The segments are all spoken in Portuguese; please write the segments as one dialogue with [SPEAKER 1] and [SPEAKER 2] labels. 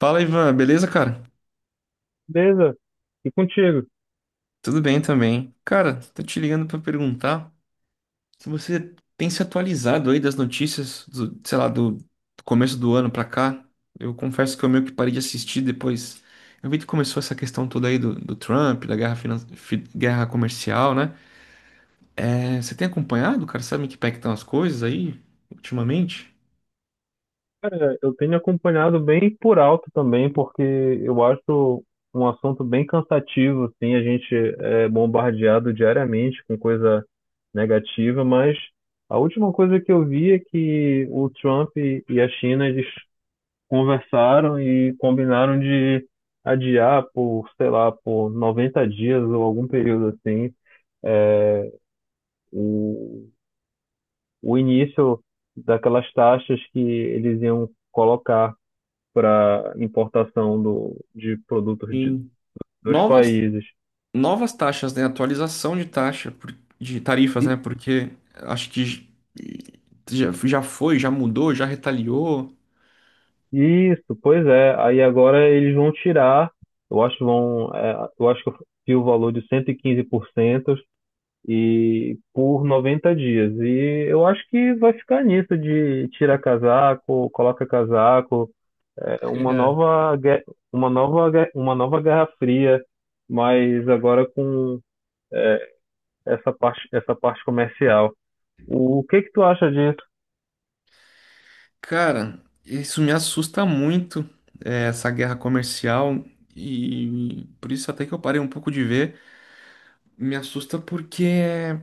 [SPEAKER 1] Fala, Ivan, beleza, cara?
[SPEAKER 2] Beleza, e contigo?
[SPEAKER 1] Tudo bem também. Cara, tô te ligando pra perguntar se você tem se atualizado aí das notícias, do começo do ano pra cá. Eu confesso que eu meio que parei de assistir depois. Eu vi que começou essa questão toda aí do Trump, da guerra, guerra comercial, né? É, você tem acompanhado, cara? Sabe em que pé que estão as coisas aí ultimamente?
[SPEAKER 2] Cara, eu tenho acompanhado bem por alto também, porque eu acho um assunto bem cansativo, assim, a gente é bombardeado diariamente com coisa negativa, mas a última coisa que eu vi é que o Trump e a China, eles conversaram e combinaram de adiar por, sei lá, por 90 dias ou algum período assim, é, o início daquelas taxas que eles iam colocar para importação do, de produtos de,
[SPEAKER 1] Em
[SPEAKER 2] dos
[SPEAKER 1] novas
[SPEAKER 2] países.
[SPEAKER 1] novas taxas, né? Atualização de taxa, de tarifas,
[SPEAKER 2] E,
[SPEAKER 1] né? Porque acho que já foi, já mudou, já retaliou.
[SPEAKER 2] isso, pois é. Aí agora eles vão tirar, eu acho que vão, eu acho que eu o valor de 115% e quinze por 90 dias. E eu acho que vai ficar nisso de tira casaco, coloca casaco, é uma nova, uma nova Guerra Fria, mas agora com essa parte comercial. O que que tu acha disso?
[SPEAKER 1] Cara, isso me assusta muito, essa guerra comercial. E por isso até que eu parei um pouco de ver. Me assusta porque é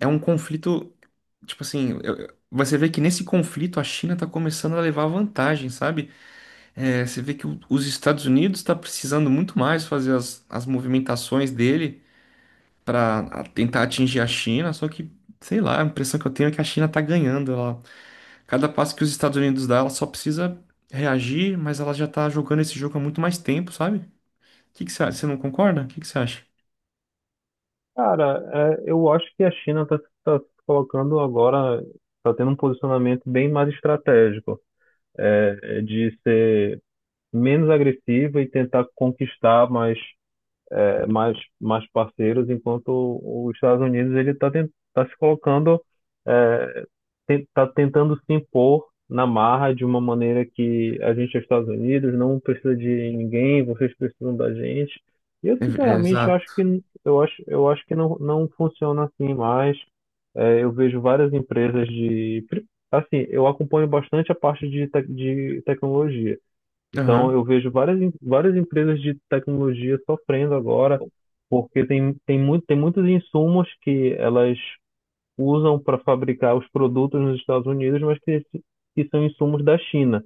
[SPEAKER 1] é um conflito, tipo assim, você vê que nesse conflito a China tá começando a levar vantagem, sabe? É, você vê que os Estados Unidos está precisando muito mais fazer as movimentações dele para tentar atingir a China, só que, sei lá, a impressão que eu tenho é que a China está ganhando. Ela, cada passo que os Estados Unidos dá, ela só precisa reagir, mas ela já está jogando esse jogo há muito mais tempo, sabe? O que que você acha? Você não concorda? O que que você acha?
[SPEAKER 2] Cara, eu acho que a China está tá tá se colocando agora, está tendo um posicionamento bem mais estratégico, de ser menos agressiva e tentar conquistar mais mais parceiros, enquanto os Estados Unidos ele está tá se colocando, é, está tentando se impor na marra de uma maneira que a gente é Estados Unidos, não precisa de ninguém, vocês precisam da gente. E eu
[SPEAKER 1] É, é,
[SPEAKER 2] sinceramente acho
[SPEAKER 1] exato.
[SPEAKER 2] que eu acho que não, não funciona assim mais. É, eu vejo várias empresas de. Assim, eu acompanho bastante a parte de, de tecnologia. Então,
[SPEAKER 1] Aham.
[SPEAKER 2] eu vejo várias, várias empresas de tecnologia sofrendo agora, porque tem muitos insumos que elas usam para fabricar os produtos nos Estados Unidos, mas que são insumos da China.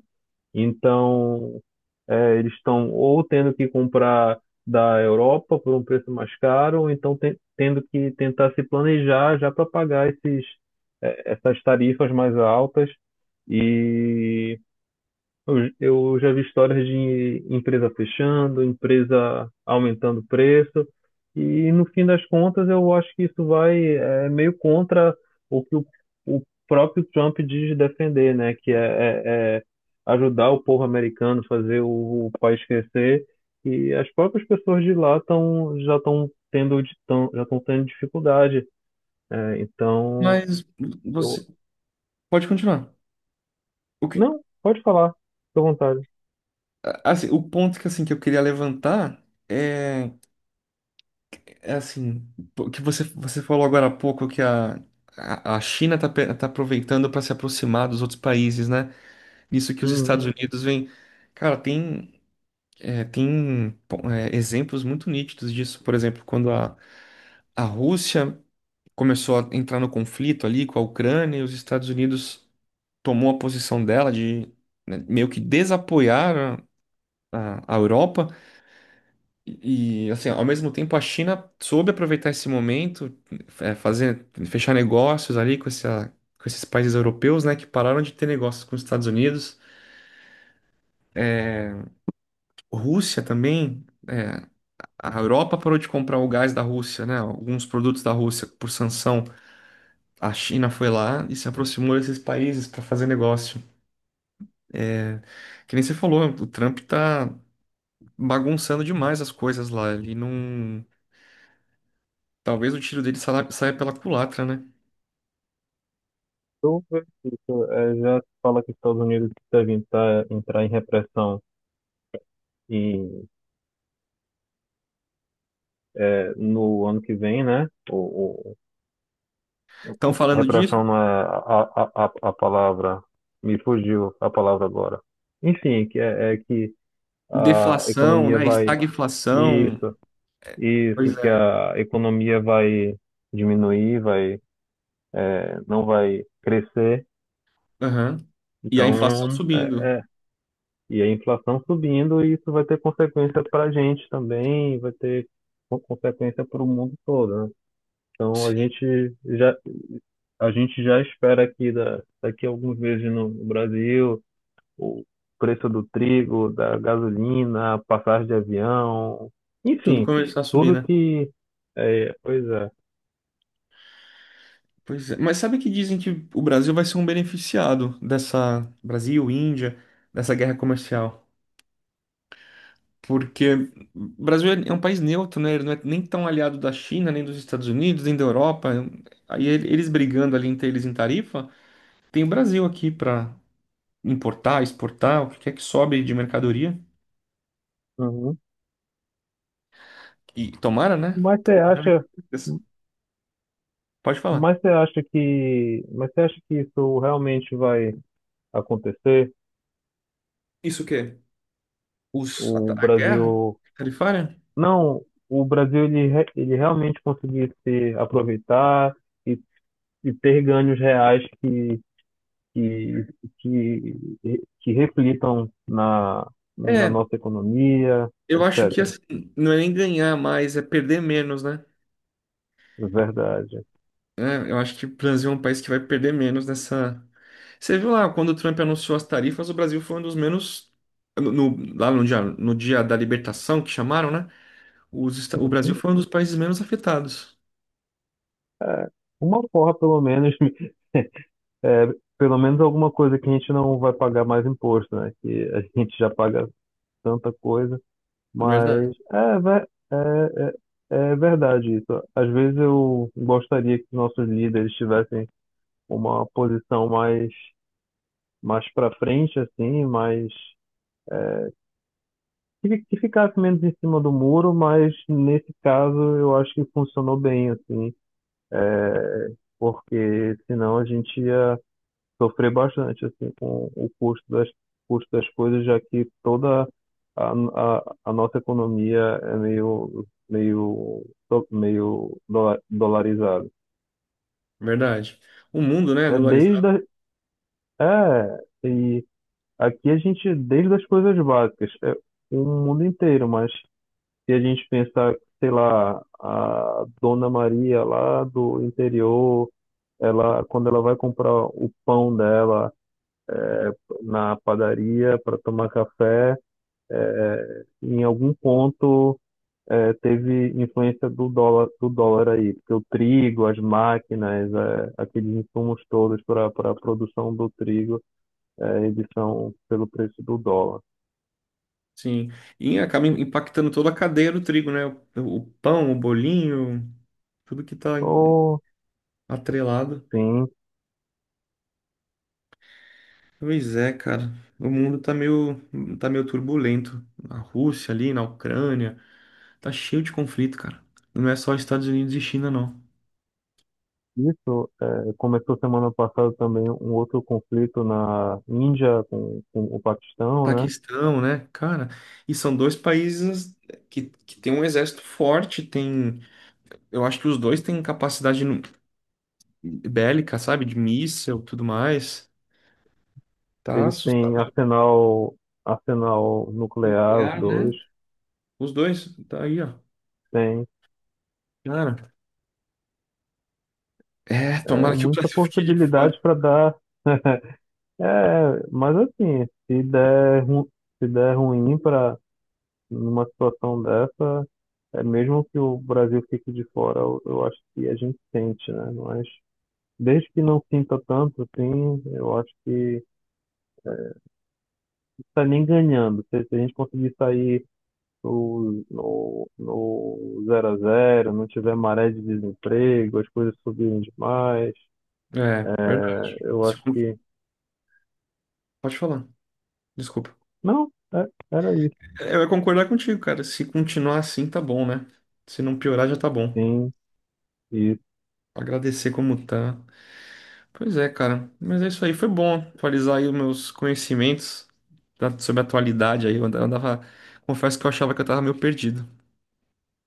[SPEAKER 2] Então, eles estão ou tendo que comprar da Europa por um preço mais caro, ou então tendo que tentar se planejar já para pagar esses, essas tarifas mais altas. E eu já vi histórias de empresa fechando, empresa aumentando o preço, e no fim das contas eu acho que isso vai é, meio contra o que o próprio Trump diz defender, né? Que é, é ajudar o povo americano, fazer o país crescer, e as próprias pessoas de lá tão, já estão tendo, já estão tendo dificuldade. É, então,
[SPEAKER 1] Mas
[SPEAKER 2] eu...
[SPEAKER 1] você pode continuar. O que,
[SPEAKER 2] Não, pode falar, fica à vontade.
[SPEAKER 1] assim, o ponto que, assim, que eu queria levantar é é assim, pô, você falou agora há pouco que a China tá aproveitando para se aproximar dos outros países, né? Nisso que os Estados Unidos vêm. Cara, tem, é, tem pô, é, exemplos muito nítidos disso. Por exemplo, a Rússia começou a entrar no conflito ali com a Ucrânia, e os Estados Unidos tomou a posição dela de, né, meio que desapoiar a Europa. E, assim, ao mesmo tempo, a China soube aproveitar esse momento, é, fazer, fechar negócios ali com essa, com esses países europeus, né, que pararam de ter negócios com os Estados Unidos. Rússia também, é, a Europa parou de comprar o gás da Rússia, né, alguns produtos da Rússia por sanção. A China foi lá e se aproximou desses países para fazer negócio. É, que nem você falou, o Trump tá bagunçando demais as coisas lá. Ele não. Talvez o tiro dele saia pela culatra, né?
[SPEAKER 2] Tudo isso, já fala que os Estados Unidos devem entrar, entrar em repressão e, no ano que vem, né?
[SPEAKER 1] Estão falando disso.
[SPEAKER 2] Repressão não é a palavra, me fugiu a palavra agora. Enfim, que é que a
[SPEAKER 1] Deflação,
[SPEAKER 2] economia
[SPEAKER 1] né?
[SPEAKER 2] vai,
[SPEAKER 1] Estagflação.
[SPEAKER 2] isso, isso,
[SPEAKER 1] Pois
[SPEAKER 2] que
[SPEAKER 1] é.
[SPEAKER 2] a economia vai diminuir, vai, não vai crescer.
[SPEAKER 1] Aham. E a inflação
[SPEAKER 2] Então,
[SPEAKER 1] subindo.
[SPEAKER 2] e a inflação subindo, e isso vai ter consequência para a gente também, vai ter consequência para o mundo todo, né? Então
[SPEAKER 1] Sim.
[SPEAKER 2] a gente já espera aqui daqui a alguns meses no Brasil o preço do trigo, da gasolina, a passagem de avião,
[SPEAKER 1] Tudo
[SPEAKER 2] enfim,
[SPEAKER 1] começar a subir,
[SPEAKER 2] tudo
[SPEAKER 1] né?
[SPEAKER 2] que é, pois é.
[SPEAKER 1] Pois é. Mas sabe que dizem que o Brasil vai ser um beneficiado dessa Brasil, Índia, dessa guerra comercial? Porque o Brasil é um país neutro, né? Ele não é nem tão aliado da China, nem dos Estados Unidos, nem da Europa. Aí eles brigando ali entre eles em tarifa, tem o Brasil aqui para importar, exportar, o que quer que sobe de mercadoria.
[SPEAKER 2] Uhum.
[SPEAKER 1] E tomara, né?
[SPEAKER 2] Mas você
[SPEAKER 1] Tomara.
[SPEAKER 2] acha,
[SPEAKER 1] Pode falar.
[SPEAKER 2] mas você acha que isso realmente vai acontecer?
[SPEAKER 1] Isso o quê? Os, a,
[SPEAKER 2] O
[SPEAKER 1] a guerra
[SPEAKER 2] Brasil...
[SPEAKER 1] tarifária?
[SPEAKER 2] Não, o Brasil ele, ele realmente conseguir se aproveitar e, e ter ganhos reais que, que reflitam na, na
[SPEAKER 1] É,
[SPEAKER 2] nossa economia,
[SPEAKER 1] eu acho que
[SPEAKER 2] etc.
[SPEAKER 1] assim, não é nem ganhar mais, é perder menos, né?
[SPEAKER 2] Verdade.
[SPEAKER 1] É, eu acho que o Brasil é um país que vai perder menos nessa. Você viu lá, quando o Trump anunciou as tarifas, o Brasil foi um dos menos. Lá no dia, no dia da libertação, que chamaram, né? O Brasil
[SPEAKER 2] Uhum.
[SPEAKER 1] foi um dos países menos afetados.
[SPEAKER 2] Uma forra, pelo menos, é, pelo menos alguma coisa que a gente não vai pagar mais imposto, né? Que a gente já paga tanta coisa.
[SPEAKER 1] Verdade,
[SPEAKER 2] Mas é, é verdade isso. Às vezes eu gostaria que nossos líderes tivessem uma posição mais, mais para frente, assim, mais é, que ficasse menos em cima do muro, mas nesse caso eu acho que funcionou bem, assim, é, porque senão a gente ia sofrer bastante assim com o custo custo das coisas, já que toda a, a nossa economia é meio meio dolarizada.
[SPEAKER 1] verdade. O mundo, né, é
[SPEAKER 2] É desde
[SPEAKER 1] dolarizado,
[SPEAKER 2] a- é e aqui a gente desde as coisas básicas, é o mundo inteiro, mas se a gente pensar, sei lá, a Dona Maria lá do interior, ela quando ela vai comprar o pão dela é, na padaria para tomar café. Em algum ponto teve influência do dólar, aí, porque o trigo, as máquinas, aqueles insumos todos para a produção do trigo, eles são pelo preço do dólar.
[SPEAKER 1] sim. E acaba impactando toda a cadeia do trigo, né? O pão, o bolinho. Tudo que tá
[SPEAKER 2] Ou,
[SPEAKER 1] atrelado.
[SPEAKER 2] sim,
[SPEAKER 1] Pois é, cara. O mundo tá meio turbulento. Na Rússia ali, na Ucrânia, tá cheio de conflito, cara. Não é só Estados Unidos e China, não.
[SPEAKER 2] isso é, começou semana passada também um outro conflito na Índia com o Paquistão, né?
[SPEAKER 1] Paquistão, né? Cara, e são dois países que tem um exército forte, tem... Eu acho que os dois têm capacidade bélica, sabe? De míssil, tudo mais. Tá
[SPEAKER 2] Eles têm
[SPEAKER 1] assustador.
[SPEAKER 2] arsenal, arsenal nuclear, os
[SPEAKER 1] Nuclear, né?
[SPEAKER 2] dois,
[SPEAKER 1] Os dois, tá aí, ó.
[SPEAKER 2] têm
[SPEAKER 1] Cara, é,
[SPEAKER 2] é,
[SPEAKER 1] tomara que o
[SPEAKER 2] muita
[SPEAKER 1] Brasil fique de
[SPEAKER 2] possibilidade
[SPEAKER 1] fora.
[SPEAKER 2] para dar. É, mas assim, se der ruim para numa situação dessa, é mesmo que o Brasil fique de fora, eu acho que a gente sente, né? Mas desde que não sinta tanto, assim, eu acho que tá nem ganhando. Se a gente conseguir sair no zero a zero, não tiver maré de desemprego, as coisas subirem demais,
[SPEAKER 1] É, verdade.
[SPEAKER 2] eu
[SPEAKER 1] Se
[SPEAKER 2] acho
[SPEAKER 1] con-
[SPEAKER 2] que.
[SPEAKER 1] Pode falar, desculpa.
[SPEAKER 2] Não, era isso,
[SPEAKER 1] É, eu ia concordar contigo, cara. Se continuar assim, tá bom, né? Se não piorar, já tá bom.
[SPEAKER 2] sim.
[SPEAKER 1] Agradecer como tá. Pois é, cara. Mas é isso aí. Foi bom atualizar aí os meus conhecimentos sobre a atualidade aí. Confesso que eu achava que eu tava meio perdido.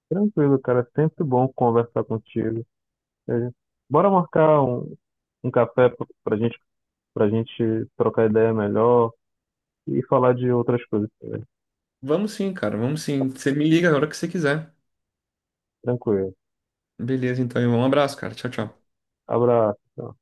[SPEAKER 2] Tranquilo, cara. Sempre bom conversar contigo. É, bora marcar um, um café pra gente trocar ideia melhor e falar de outras coisas também.
[SPEAKER 1] Vamos sim, cara. Vamos sim. Você me liga a hora que você quiser.
[SPEAKER 2] Tranquilo.
[SPEAKER 1] Beleza, então, irmão. Um abraço, cara. Tchau, tchau.
[SPEAKER 2] Abraço.